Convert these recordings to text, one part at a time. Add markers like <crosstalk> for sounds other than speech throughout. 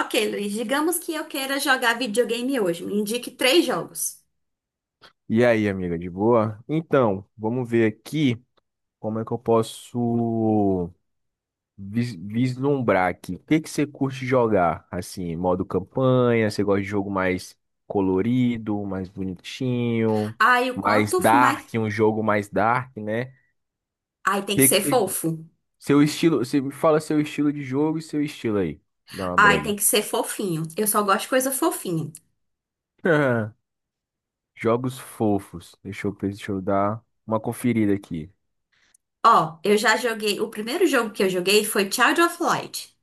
Ok, Luiz, digamos que eu queira jogar videogame hoje. Me indique três jogos. E aí, amiga, de boa? Então, vamos ver aqui como é que eu posso vislumbrar aqui. O que que você curte jogar? Assim, modo campanha, você gosta de jogo mais colorido, mais bonitinho, Ai, o mais quanto mais. dark, um jogo mais dark, né? O Ai, tem que Que ser que você- fofo. Seu estilo, você me fala seu estilo de jogo e seu estilo aí. Dá uma Ai, tem breve. que ser fofinho. Eu só gosto de coisa fofinha. <laughs> Jogos fofos. Deixa eu dar uma conferida aqui. Ó, eu já joguei. O primeiro jogo que eu joguei foi Child of Light.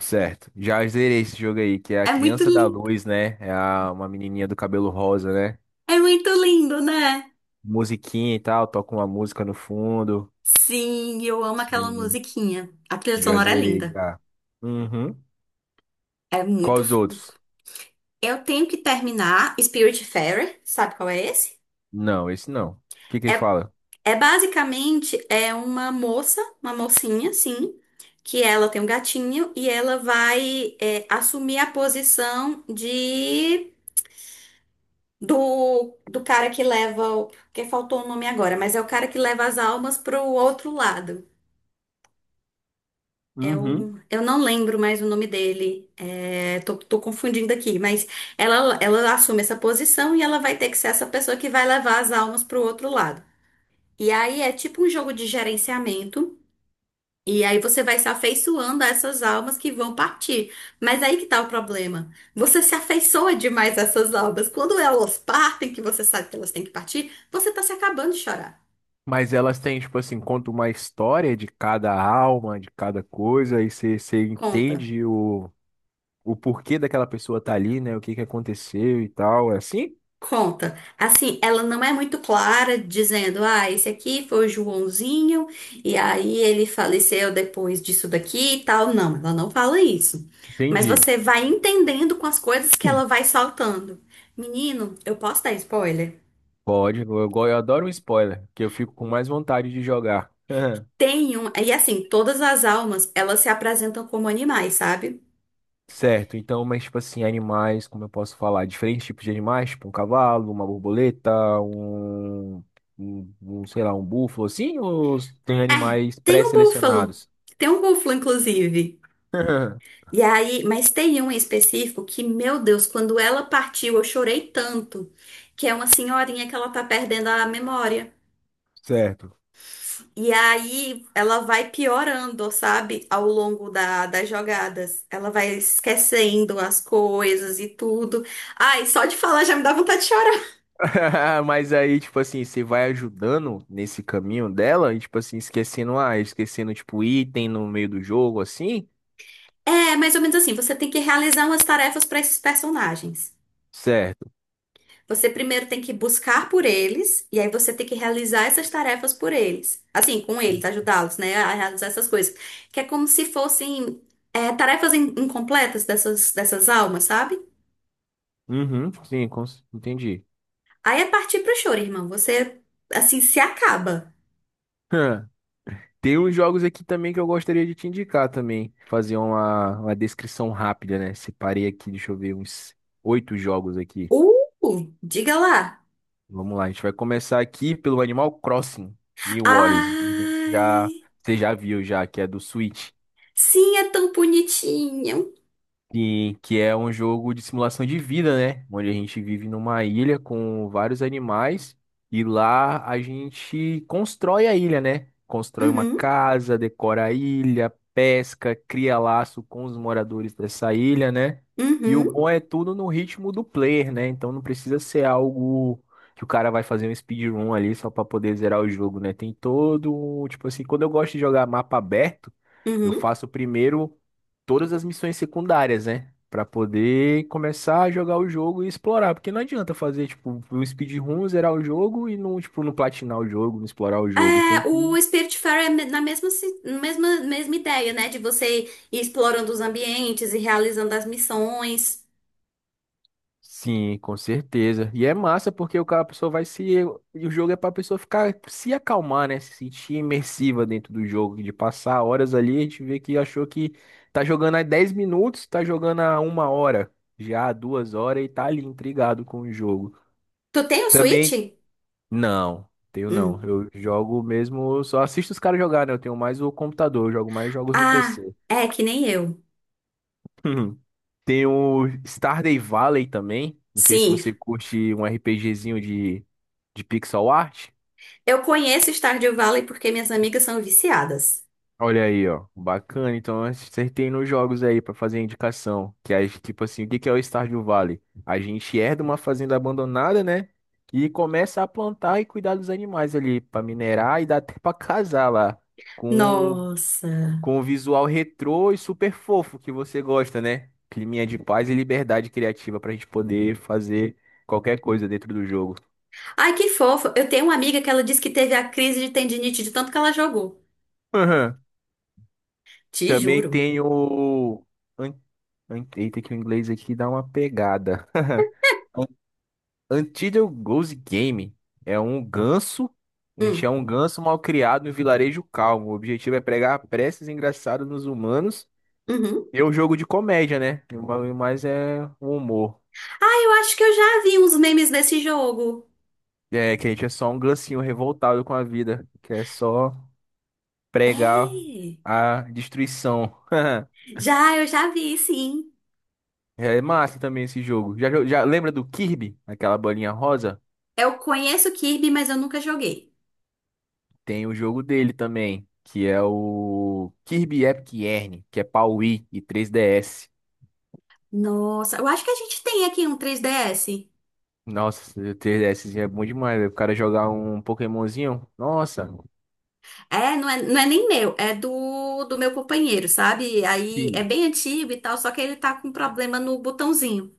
Certo. Já zerei esse jogo aí, que é a É muito Criança da lindo. Luz, né? Uma menininha do cabelo rosa, né? É muito lindo, né? Musiquinha e tal, toca uma música no fundo. Sim, eu amo aquela Sim, musiquinha. A trilha já sonora é zerei linda. já. Uhum. É Qual muito. os outros? Eu tenho que terminar Spiritfarer. Sabe qual é esse? Não, esse não. O que que ele É fala? É basicamente é uma moça, uma mocinha, sim, que ela tem um gatinho e ela vai assumir a posição de do cara que leva, porque faltou o nome agora, mas é o cara que leva as almas pro outro lado. É Uhum. o, eu não lembro mais o nome dele. É, tô confundindo aqui, mas ela assume essa posição e ela vai ter que ser essa pessoa que vai levar as almas pro outro lado. E aí é tipo um jogo de gerenciamento. E aí você vai se afeiçoando a essas almas que vão partir. Mas aí que tá o problema. Você se afeiçoa demais a essas almas. Quando elas partem, que você sabe que elas têm que partir, você tá se acabando de chorar. Mas elas têm, tipo assim, conta uma história de cada alma, de cada coisa, e você Conta, entende o porquê daquela pessoa tá ali, né? O que que aconteceu e tal. É assim? conta. Assim, ela não é muito clara dizendo, ah, esse aqui foi o Joãozinho, e aí ele faleceu depois disso daqui e tal. Não, ela não fala isso. Mas Entendi. você vai entendendo com as coisas que ela vai soltando. Menino, eu posso dar spoiler? Pode, eu, eu adoro um spoiler, que eu fico com mais vontade de jogar. <laughs> Tem um, e assim, todas as almas, elas se apresentam como animais, sabe? Certo, então, mas tipo assim, animais, como eu posso falar? Diferentes tipos de animais, tipo um cavalo, uma borboleta, um, sei lá, um búfalo, assim, ou tem É, animais tem um búfalo. pré-selecionados? Tem um búfalo, inclusive. <laughs> E aí, mas tem um em específico que, meu Deus, quando ela partiu, eu chorei tanto, que é uma senhorinha que ela tá perdendo a memória. Certo. E aí, ela vai piorando, sabe? Ao longo das jogadas. Ela vai esquecendo as coisas e tudo. Ai, só de falar já me dá vontade de chorar. <laughs> Mas aí, tipo assim, você vai ajudando nesse caminho dela e, tipo assim, esquecendo, ah, tipo, item no meio do jogo, assim? É mais ou menos assim, você tem que realizar umas tarefas para esses personagens. Certo. Você primeiro tem que buscar por eles, e aí você tem que realizar essas tarefas por eles. Assim, com eles, ajudá-los, né, a realizar essas coisas. Que é como se fossem tarefas incompletas dessas almas, sabe? Uhum, sim, entendi. Aí é partir pro choro, irmão. Você, assim, se acaba. <laughs> Tem uns jogos aqui também que eu gostaria de te indicar também. Fazer uma descrição rápida, né? Separei aqui, deixa eu ver, uns oito jogos aqui. Diga lá. Vamos lá, a gente vai começar aqui pelo Animal Crossing New Orleans. Ai, Você já viu já, que é do Switch. sim, é tão bonitinho. Sim, que é um jogo de simulação de vida, né? Onde a gente vive numa ilha com vários animais e lá a gente constrói a ilha, né? Constrói uma Uhum, casa, decora a ilha, pesca, cria laço com os moradores dessa ilha, né? E o uhum, bom é tudo no ritmo do player, né? Então não precisa ser algo que o cara vai fazer um speedrun ali só para poder zerar o jogo, né? Tem todo, tipo assim, quando eu gosto de jogar mapa aberto, eu uhum. faço primeiro todas as missões secundárias, né? Pra poder começar a jogar o jogo e explorar. Porque não adianta fazer, tipo, um speedrun, zerar o jogo e não, tipo, não platinar o jogo, não explorar o jogo. Tem É, o que. Spiritfarer é na mesma, mesma ideia, né? De você ir explorando os ambientes e realizando as missões. Sim, com certeza. E é massa porque o cara, a pessoa vai se. E o jogo é pra pessoa ficar, se acalmar, né? Se sentir imersiva dentro do jogo, de passar horas ali, a gente vê que achou que tá jogando há 10 minutos, tá jogando há 1 hora, já há 2 horas e tá ali intrigado com o jogo. Tu tem o Switch? Também. Não, tenho não. Hum. Eu jogo mesmo, só assisto os caras jogar, né? Eu tenho mais o computador, eu jogo mais jogos no Ah, PC. é que nem eu. <laughs> Tem o Stardew Valley também. Não sei se Sim, você curte um RPGzinho de pixel art. eu conheço Stardew Valley porque minhas amigas são viciadas. Olha aí, ó. Bacana. Então, acertei nos jogos aí pra fazer a indicação. Que é tipo assim, o que que é o Stardew Valley? A gente herda uma fazenda abandonada, né? E começa a plantar e cuidar dos animais ali pra minerar e dá até pra casar lá. Com Nossa. com o visual retrô e super fofo que você gosta, né? Climinha de paz e liberdade criativa pra gente poder fazer qualquer coisa dentro do jogo. Ai, que fofo. Eu tenho uma amiga que ela disse que teve a crise de tendinite de tanto que ela jogou. Aham. Te Também juro. tem o. an- Eita, que o inglês aqui dá uma pegada. <laughs> An- Untitled Goose Game é um ganso. A gente é Hum. um ganso mal criado em vilarejo calmo. O objetivo é pregar preces engraçadas nos humanos. Uhum. E é um jogo de comédia, né? Mas é um humor. Ah, eu acho que eu já vi uns memes desse jogo. É, que a gente é só um gancinho revoltado com a vida, que é só pregar É. a destruição. <laughs> Já, eu já vi, sim. É massa também esse jogo. Já lembra do Kirby, aquela bolinha rosa? Eu conheço o Kirby, mas eu nunca joguei. Tem o jogo dele também, que é o Kirby Epic Yarn, que é pra Wii e 3DS. Nossa, eu acho que a gente tem aqui um 3DS. Nossa, o 3DSzinho é bom demais, velho. O cara jogar um Pokémonzinho, nossa. É, não é nem meu, é do meu companheiro, sabe? Aí é Sim. bem antigo e tal, só que ele tá com problema no botãozinho.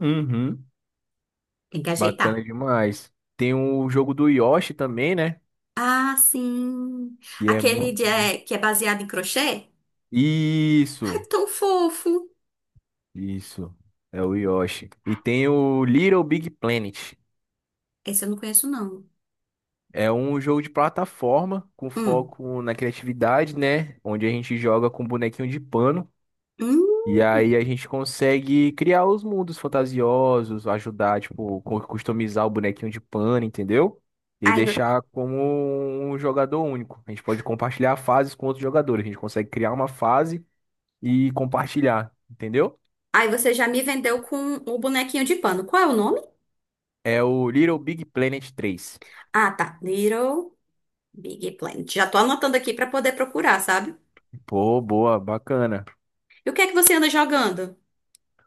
Uhum. Tem que ajeitar. Bacana demais. Tem o jogo do Yoshi também, né? Ah, sim. E é Aquele muito de, bom. Que é baseado em crochê? Ai, Isso! tão fofo. Isso, é o Yoshi. E tem o Little Big Planet. Esse eu não conheço, não. É um jogo de plataforma com Hum. foco na criatividade, né? Onde a gente joga com bonequinho de pano. Hum. E aí a gente consegue criar os mundos fantasiosos, ajudar, tipo, customizar o bonequinho de pano, entendeu? E Aí, deixar como um jogador único. A gente pode compartilhar fases com outros jogadores. A gente consegue criar uma fase e compartilhar, entendeu? Você já me vendeu com o bonequinho de pano. Qual é o nome? É o Little Big Planet 3. Ah, tá. Little Big Planet. Já tô anotando aqui pra poder procurar, sabe? Pô, boa, bacana. E o que é que você anda jogando?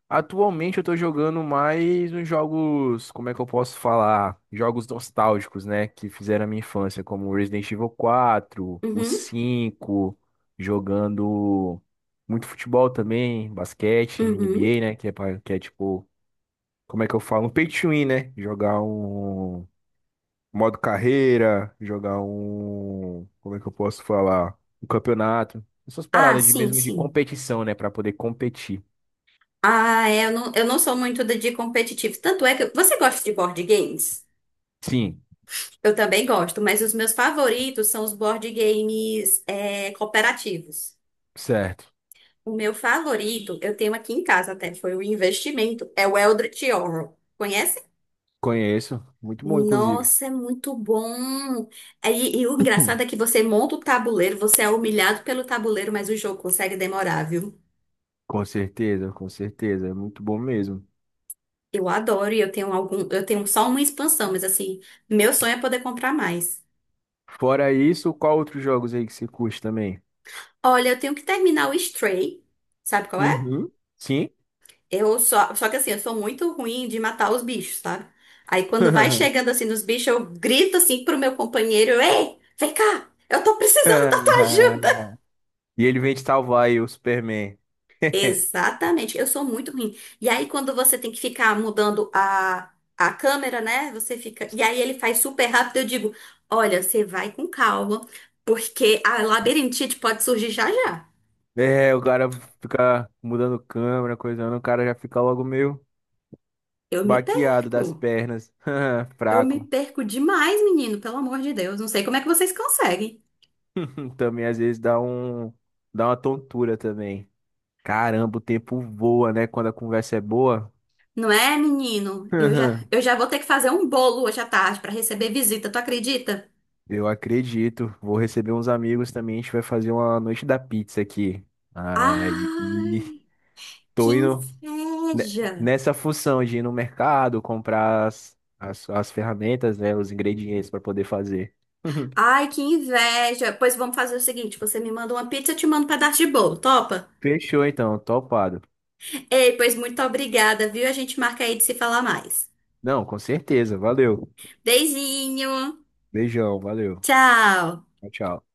Atualmente eu tô jogando mais uns jogos, como é que eu posso falar? Jogos nostálgicos, né? Que fizeram a minha infância, como Resident Evil 4 o Uhum, 5, jogando muito futebol também, basquete, uhum. NBA, né? Que é, que é tipo, como é que eu falo? Um pay to win, né? Jogar um modo carreira, jogar um. Como é que eu posso falar? Um campeonato. Essas Ah, paradas de sim, mesmo de sim. competição, né? Pra poder competir. Ah, é, eu não sou muito de competitivo. Tanto é que. Você gosta de board games? Sim. Eu também gosto, mas os meus favoritos são os board games, cooperativos. Certo. O meu favorito, eu tenho aqui em casa até, foi o investimento, é o Eldritch Horror. Conhece? Conheço. Muito bom, inclusive. Nossa, é muito bom. E o engraçado é que <clears throat> você monta o tabuleiro, você é humilhado pelo tabuleiro, mas o jogo consegue demorar, viu? Com certeza, com certeza. É muito bom mesmo. Eu adoro e eu tenho algum, eu tenho só uma expansão, mas assim, meu sonho é poder comprar mais. Fora isso, qual outros jogos aí que você curte também? Olha, eu tenho que terminar o Stray, sabe qual é? Uhum. Sim. Eu só que assim, eu sou muito ruim de matar os bichos, sabe? Aí quando vai <laughs> chegando assim nos bichos, eu grito assim pro meu companheiro, ei, vem cá, eu tô precisando da tua ajuda. E ele vem te salvar aí, o Superman. <laughs> Exatamente, eu sou muito ruim. E aí, quando você tem que ficar mudando a, câmera, né? Você fica. E aí ele faz super rápido, eu digo: olha, você vai com calma, porque a labirintite pode surgir já já. É, o cara fica mudando câmera, coisando, o cara já fica logo meio Eu me baqueado das perco. pernas, <laughs> Eu me fraco. perco demais, menino, pelo amor de Deus. Não sei como é que vocês conseguem. <laughs> Também às vezes dá uma tontura também. Caramba, o tempo voa, né? Quando a conversa é boa. Não é, menino? Eu já, Aham. eu já vou ter que fazer um bolo hoje à tarde para receber visita, tu acredita? Eu acredito. Vou receber uns amigos também. A gente vai fazer uma noite da pizza aqui. Aí, Ai, que tô indo ne- inveja! nessa função de ir no mercado, comprar as ferramentas, né, os ingredientes para poder fazer. <laughs> Ai, que inveja! Pois vamos fazer o seguinte: você me manda uma pizza, eu te mando um pedaço de bolo, topa? Fechou então, topado. Ei, pois muito obrigada, viu? A gente marca aí de se falar mais. Não, com certeza. Valeu. Beijinho! Beijão, valeu. Tchau! Tchau, tchau.